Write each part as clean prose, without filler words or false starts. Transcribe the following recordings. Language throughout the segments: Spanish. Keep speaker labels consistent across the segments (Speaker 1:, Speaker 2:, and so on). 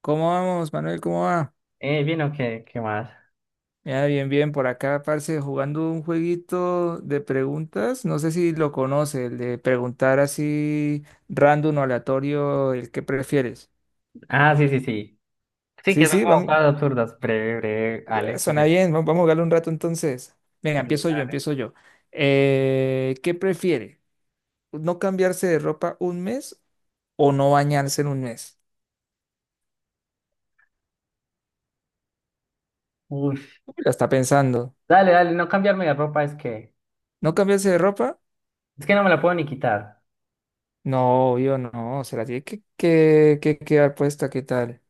Speaker 1: ¿Cómo vamos, Manuel? ¿Cómo va?
Speaker 2: Bien, ¿o qué? ¿Qué más?
Speaker 1: Ya, bien, bien, por acá, parce, jugando un jueguito de preguntas. No sé si lo conoce, el de preguntar así random o aleatorio, el que prefieres.
Speaker 2: Ah, sí, sí, sí. Sí,
Speaker 1: Sí,
Speaker 2: que son
Speaker 1: sí,
Speaker 2: como
Speaker 1: vamos,
Speaker 2: cosas absurdas. Breve, breve, Ale. Ok.
Speaker 1: suena bien, vamos a jugarlo un rato entonces. Venga, empiezo yo,
Speaker 2: Dale.
Speaker 1: empiezo yo. ¿Qué prefiere? ¿No cambiarse de ropa un mes o no bañarse en un mes?
Speaker 2: Uy.
Speaker 1: Uy, la está pensando.
Speaker 2: Dale, dale, no cambiarme la ropa es que...
Speaker 1: ¿No cambiarse de ropa?
Speaker 2: Es que no me la puedo ni quitar.
Speaker 1: No, yo no, se la tiene que quedar puesta, ¿qué tal?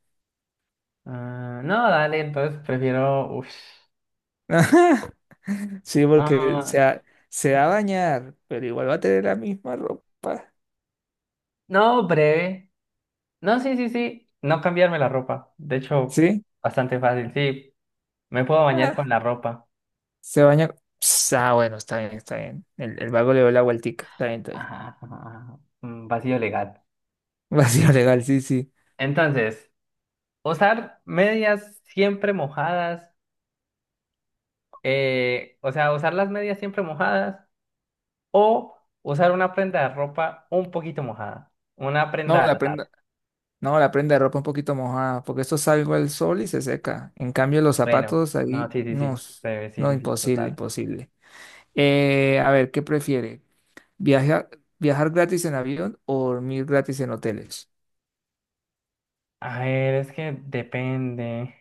Speaker 2: Ah, no, dale, entonces prefiero... Uy.
Speaker 1: Ajá. Sí, porque
Speaker 2: Ah,
Speaker 1: se va a bañar, pero igual va a tener la misma ropa.
Speaker 2: no, breve. No, sí, sí, sí. No cambiarme la ropa. De hecho,
Speaker 1: ¿Sí?
Speaker 2: bastante fácil. Sí, me puedo bañar con
Speaker 1: Ah,
Speaker 2: la ropa.
Speaker 1: se baña. Ps, ah, bueno, está bien, está bien. El vago le dio la vueltica. Está bien, está bien.
Speaker 2: Ajá, ajá, ajá. Mm, vacío legal.
Speaker 1: Vacío legal, sí, sí.
Speaker 2: Entonces, usar medias siempre mojadas. O sea, usar las medias siempre mojadas o usar una prenda de ropa un poquito mojada. Una
Speaker 1: No,
Speaker 2: prenda al
Speaker 1: la
Speaker 2: azar.
Speaker 1: prenda, no, la prenda de ropa un poquito mojada, porque esto salgo al sol y se seca. En cambio, los
Speaker 2: Bueno,
Speaker 1: zapatos
Speaker 2: no,
Speaker 1: ahí,
Speaker 2: sí, sí,
Speaker 1: no,
Speaker 2: sí. Sí,
Speaker 1: no,
Speaker 2: sí, sí,
Speaker 1: imposible,
Speaker 2: total.
Speaker 1: imposible. A ver, ¿qué prefiere? ¿Viajar, ¿viajar gratis en avión o dormir gratis en hoteles?
Speaker 2: A ver, es que depende.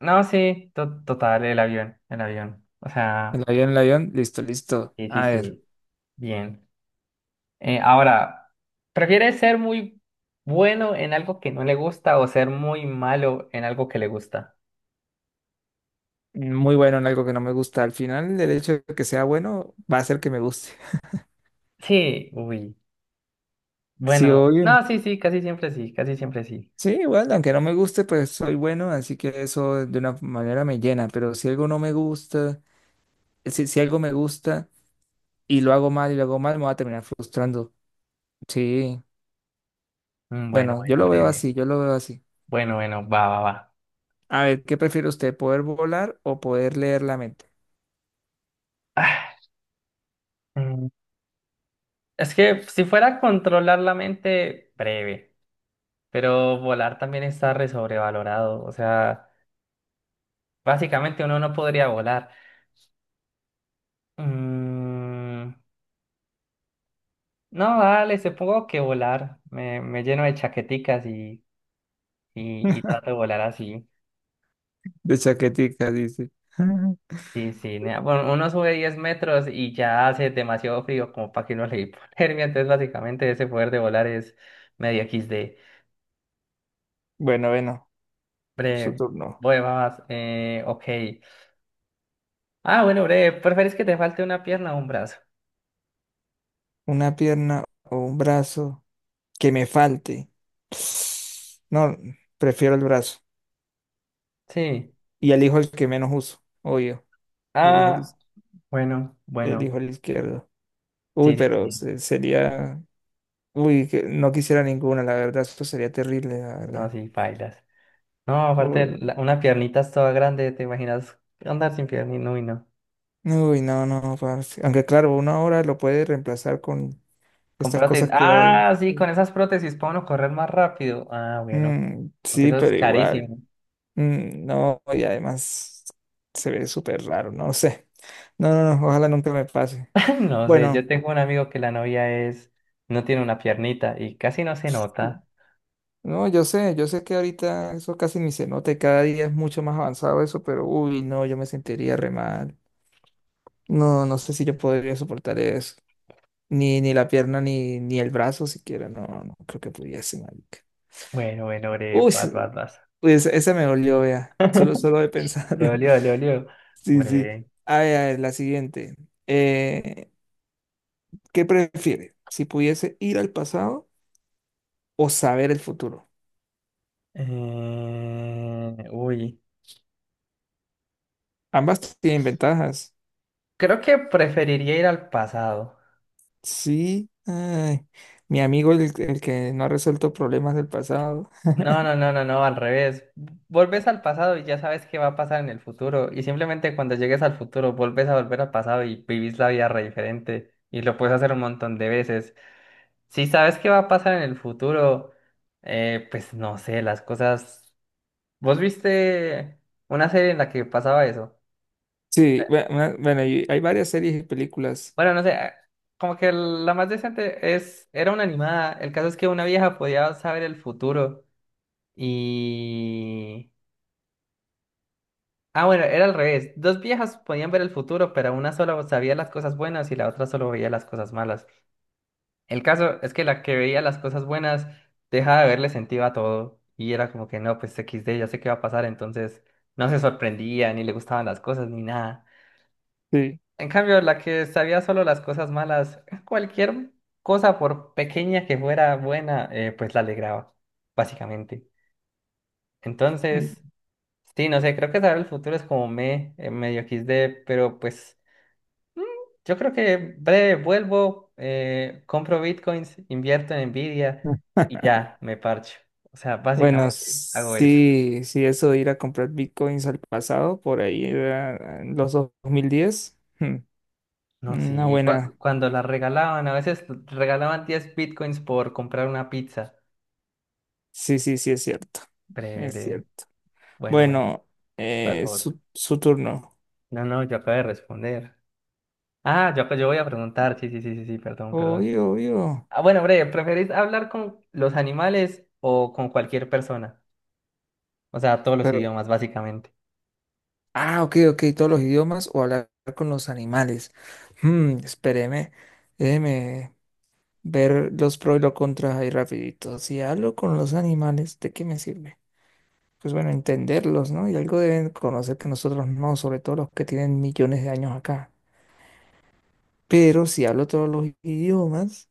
Speaker 2: No, sí, total, el avión, el avión. O sea,
Speaker 1: El avión, listo, listo.
Speaker 2: sí, sí,
Speaker 1: A ver,
Speaker 2: sí. Bien. Ahora, ¿prefieres ser muy bueno en algo que no le gusta o ser muy malo en algo que le gusta?
Speaker 1: muy bueno en algo que no me gusta. Al final, el hecho de que sea bueno va a hacer que me guste.
Speaker 2: Sí, uy.
Speaker 1: Sí,
Speaker 2: Bueno,
Speaker 1: obvio.
Speaker 2: no, sí, sí, casi siempre sí, casi siempre sí.
Speaker 1: Sí, bueno, aunque no me guste, pues soy bueno, así que eso de una manera me llena. Pero si algo no me gusta, si algo me gusta y lo hago mal, me va a terminar frustrando. Sí,
Speaker 2: Mm, bueno,
Speaker 1: bueno, yo
Speaker 2: bueno,
Speaker 1: lo veo
Speaker 2: breve.
Speaker 1: así, yo lo veo así.
Speaker 2: Bueno, bueno, va, va, va.
Speaker 1: A ver, ¿qué prefiere usted, poder volar o poder leer la mente?
Speaker 2: Ah, mm, es que si fuera controlar la mente, breve. Pero volar también está re sobrevalorado. O sea, básicamente uno no podría volar. Mm, no, dale, supongo que volar. Me lleno de chaqueticas y, y trato de volar así.
Speaker 1: De chaquetica, dice.
Speaker 2: Sí, sí. Nea, bueno, uno sube 10 metros y ya hace demasiado frío como para que uno le dé hipotermia. Entonces, básicamente, ese poder de volar es medio equis de...
Speaker 1: Bueno, bueno, su
Speaker 2: Bre,
Speaker 1: turno.
Speaker 2: voy, vas, ok. Ah, bueno, bre, ¿preferís que te falte una pierna o un brazo?
Speaker 1: Una pierna o un brazo que me falte. No, prefiero el brazo.
Speaker 2: Sí.
Speaker 1: Y elijo el que menos uso, obvio. Elijo el,
Speaker 2: Ah, bueno, bueno.
Speaker 1: elijo el izquierdo. Uy,
Speaker 2: Sí, sí,
Speaker 1: pero
Speaker 2: sí.
Speaker 1: sería... Uy, que no quisiera ninguna, la verdad, esto sería terrible, la
Speaker 2: No,
Speaker 1: verdad.
Speaker 2: sí, bailas. No, aparte,
Speaker 1: Uy,
Speaker 2: una piernita es toda grande, ¿te imaginas andar sin piernina? Uy, no.
Speaker 1: uy, no, no, parce. Aunque claro, una hora lo puede reemplazar con
Speaker 2: Con
Speaker 1: estas
Speaker 2: prótesis.
Speaker 1: cosas que hay.
Speaker 2: Ah, sí, con esas prótesis puedo uno correr más rápido. Ah, bueno.
Speaker 1: Mm,
Speaker 2: Aunque
Speaker 1: sí,
Speaker 2: eso es
Speaker 1: pero igual.
Speaker 2: carísimo.
Speaker 1: Mm, no, y además se ve súper raro, no sé. No, no, no, ojalá nunca me pase.
Speaker 2: No sé,
Speaker 1: Bueno,
Speaker 2: yo tengo un amigo que la novia es, no tiene una piernita y casi no se nota.
Speaker 1: no, yo sé que ahorita eso casi ni se nota y cada día es mucho más avanzado eso, pero uy, no, yo me sentiría re mal. No, no sé si yo podría soportar eso. Ni, ni la pierna, ni, ni el brazo siquiera, no, no creo que pudiese, marica.
Speaker 2: Bueno, bueno, bre,
Speaker 1: Uy,
Speaker 2: vas, vas,
Speaker 1: sí,
Speaker 2: vas.
Speaker 1: uy, esa me dolió, vea, solo, solo de
Speaker 2: Le
Speaker 1: pensarlo.
Speaker 2: olió, le olió.
Speaker 1: Sí, sí.
Speaker 2: Hombre.
Speaker 1: A ver, la siguiente. Eh, ¿Qué prefiere? Si pudiese ir al pasado o saber el futuro.
Speaker 2: Uy.
Speaker 1: Ambas tienen ventajas.
Speaker 2: Creo que preferiría ir al pasado.
Speaker 1: Sí, ay, mi amigo, el que no ha resuelto problemas del pasado.
Speaker 2: No, no, no, no, no, al revés. Volves al pasado y ya sabes qué va a pasar en el futuro. Y simplemente cuando llegues al futuro, volves a volver al pasado y vivís la vida re diferente. Y lo puedes hacer un montón de veces. Si sabes qué va a pasar en el futuro, pues no sé, las cosas. ¿Vos viste una serie en la que pasaba eso?
Speaker 1: Sí, bueno, y hay varias series y películas.
Speaker 2: Bueno, no sé, como que la más decente es, era una animada. El caso es que una vieja podía saber el futuro y... Ah, bueno, era al revés. Dos viejas podían ver el futuro, pero una solo sabía las cosas buenas y la otra solo veía las cosas malas. El caso es que la que veía las cosas buenas dejaba de verle sentido a todo y era como que no, pues equis de ya sé qué va a pasar, entonces no se sorprendía, ni le gustaban las cosas, ni nada.
Speaker 1: Sí.
Speaker 2: En cambio, la que sabía solo las cosas malas, cualquier cosa por pequeña que fuera buena, pues la alegraba, básicamente. Entonces, sí, no sé, creo que saber el futuro es como me, medio XD, pero pues yo creo que breve vuelvo, compro bitcoins, invierto en Nvidia
Speaker 1: Mm.
Speaker 2: y ya, me parcho. O sea,
Speaker 1: Bueno,
Speaker 2: básicamente hago eso.
Speaker 1: sí, sí, eso de ir a comprar bitcoins al pasado, por ahí era en los 2010. Hmm,
Speaker 2: No,
Speaker 1: una
Speaker 2: sí,
Speaker 1: buena.
Speaker 2: cuando las regalaban, a veces regalaban 10 bitcoins por comprar una pizza.
Speaker 1: Sí, sí, sí, es cierto.
Speaker 2: Breve,
Speaker 1: Es
Speaker 2: breve.
Speaker 1: cierto.
Speaker 2: Bueno, bueno.
Speaker 1: Bueno,
Speaker 2: Vas vos.
Speaker 1: su turno.
Speaker 2: No, no, yo acabo de responder. Ah, yo voy a preguntar. Sí, sí, sí, sí, sí, perdón, perdón.
Speaker 1: Obvio, obvio.
Speaker 2: Ah, bueno, breve, ¿preferís hablar con los animales o con cualquier persona? O sea, todos los
Speaker 1: Pero,
Speaker 2: idiomas, básicamente.
Speaker 1: ah, ok, ok, todos los idiomas o hablar con los animales. Hmm, espéreme, déjeme ver los pros y los contras ahí rapidito. Si hablo con los animales, ¿de qué me sirve? Pues bueno, entenderlos, ¿no? Y algo deben conocer que nosotros no, sobre todo los que tienen millones de años acá. Pero si hablo todos los idiomas,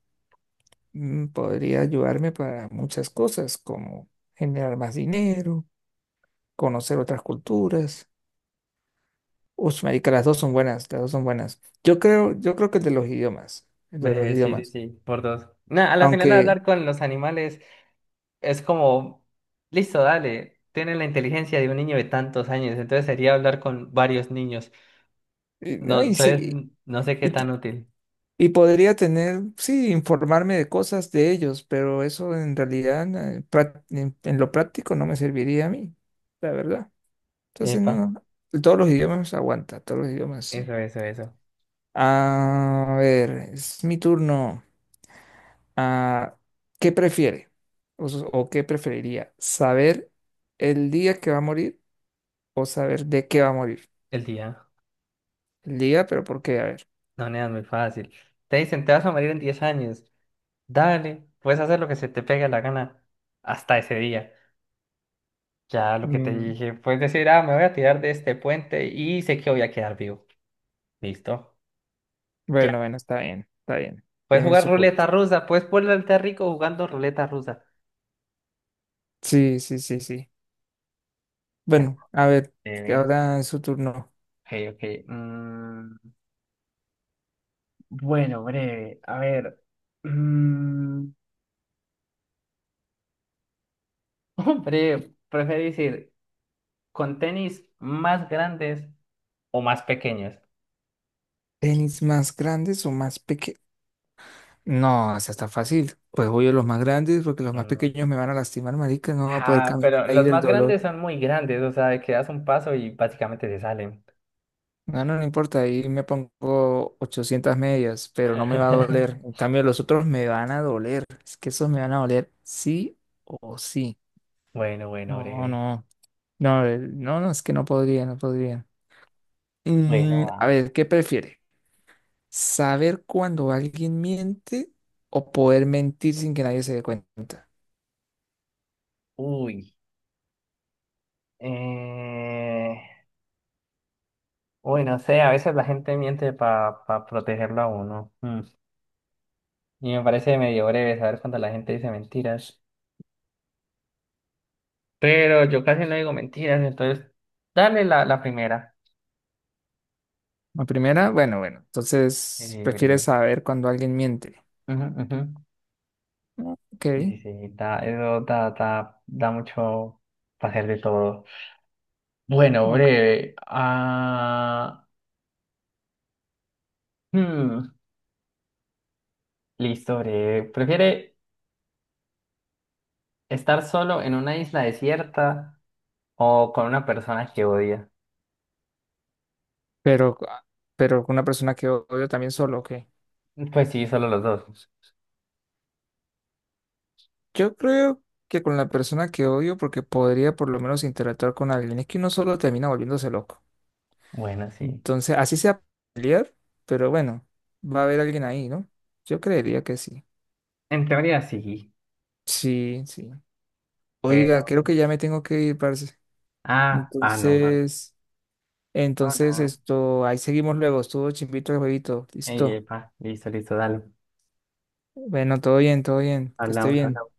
Speaker 1: mm, podría ayudarme para muchas cosas, como generar más dinero, conocer otras culturas. Uf, marica, las dos son buenas, las dos son buenas. Yo creo que el de los idiomas, el de los
Speaker 2: Breve, sí, sí,
Speaker 1: idiomas.
Speaker 2: sí, por dos. Nah, a la final
Speaker 1: Aunque,
Speaker 2: hablar con los animales es como, listo, dale, tienen la inteligencia de un niño de tantos años, entonces sería hablar con varios niños.
Speaker 1: y, no,
Speaker 2: No,
Speaker 1: y, se-
Speaker 2: entonces, no sé qué
Speaker 1: y-
Speaker 2: tan útil.
Speaker 1: y podría tener, sí, informarme de cosas de ellos, pero eso en realidad en lo práctico no me serviría a mí, la verdad. Entonces, no,
Speaker 2: Epa,
Speaker 1: no, todos los idiomas aguanta, todos los idiomas sí.
Speaker 2: eso, eso, eso.
Speaker 1: A ver, es mi turno. Ah, ¿qué prefiere? O ¿qué preferiría? ¿Saber el día que va a morir o saber de qué va a morir?
Speaker 2: El día.
Speaker 1: El día, pero ¿por qué? A ver.
Speaker 2: No, nena, es muy fácil. Te dicen, te vas a morir en 10 años. Dale, puedes hacer lo que se te pegue la gana hasta ese día. Ya lo que te
Speaker 1: Mm,
Speaker 2: dije, puedes decir, ah, me voy a tirar de este puente y sé que voy a quedar vivo. Listo. Ya.
Speaker 1: bueno, bueno, está bien, está bien.
Speaker 2: Puedes
Speaker 1: Tiene
Speaker 2: jugar
Speaker 1: su punto.
Speaker 2: ruleta rusa, puedes ponerte rico jugando ruleta rusa.
Speaker 1: Sí, sí, sí, sí.
Speaker 2: Ya.
Speaker 1: Bueno, a ver, que
Speaker 2: Breve.
Speaker 1: ahora es su turno.
Speaker 2: Ok, ok. Mm, bueno, breve. A ver. mm, hombre, prefiero decir, con tenis más grandes o más pequeños.
Speaker 1: ¿Tenis más grandes o más pequeños? No, esa está fácil. Pues voy a los más grandes porque los más
Speaker 2: Mm.
Speaker 1: pequeños me van a lastimar, marica, no voy a poder
Speaker 2: Ajá,
Speaker 1: caminar
Speaker 2: pero
Speaker 1: ahí
Speaker 2: los
Speaker 1: del
Speaker 2: más
Speaker 1: dolor.
Speaker 2: grandes son muy grandes, o sea, de que das un paso y básicamente se salen.
Speaker 1: No, no, no importa, ahí me pongo 800 medias, pero no me va a doler. En cambio, los otros me van a doler. Es que esos me van a doler sí o sí.
Speaker 2: Bueno, bueno,
Speaker 1: No,
Speaker 2: breve.
Speaker 1: no. No, no, no, es que no podría, no podría.
Speaker 2: Bueno,
Speaker 1: Mm, a
Speaker 2: va.
Speaker 1: ver, ¿qué prefiere? ¿Saber cuando alguien miente o poder mentir sin que nadie se dé cuenta?
Speaker 2: Uy. Eh... Uy, no sé, a veces la gente miente para protegerlo a uno. Mm. Y me parece medio breve saber cuando la gente dice mentiras. Pero yo casi no digo mentiras, entonces dale la primera.
Speaker 1: La primera, bueno, bueno, entonces prefiere
Speaker 2: Breve.
Speaker 1: saber cuando alguien miente.
Speaker 2: Ujú, ujú.
Speaker 1: Ah, ok,
Speaker 2: Sí, sí, sí, da, eso da, da, da mucho para hacer de todo. Bueno,
Speaker 1: ok.
Speaker 2: breve. Hmm, Listo, breve. ¿Prefiere estar solo en una isla desierta o con una persona que odia?
Speaker 1: Pero, ah, pero con una persona que odio también solo, ok.
Speaker 2: Pues sí, solo los dos.
Speaker 1: Yo creo que con la persona que odio porque podría por lo menos interactuar con alguien. Es que uno solo termina volviéndose loco.
Speaker 2: Bueno, sí.
Speaker 1: Entonces, así sea pelear, pero bueno, va a haber alguien ahí, ¿no? Yo creería que sí.
Speaker 2: En teoría sí,
Speaker 1: Sí, sí. Oiga,
Speaker 2: pero...
Speaker 1: creo que ya me tengo que ir, parce.
Speaker 2: Ah, ah, no,
Speaker 1: Entonces, entonces
Speaker 2: Barcelona.
Speaker 1: esto, ahí seguimos luego. Estuvo chimbito el jueguito.
Speaker 2: Ey,
Speaker 1: Listo.
Speaker 2: epa, listo, listo, dale.
Speaker 1: Bueno, todo bien, todo bien. Que esté
Speaker 2: Hablamos,
Speaker 1: bien.
Speaker 2: hablamos.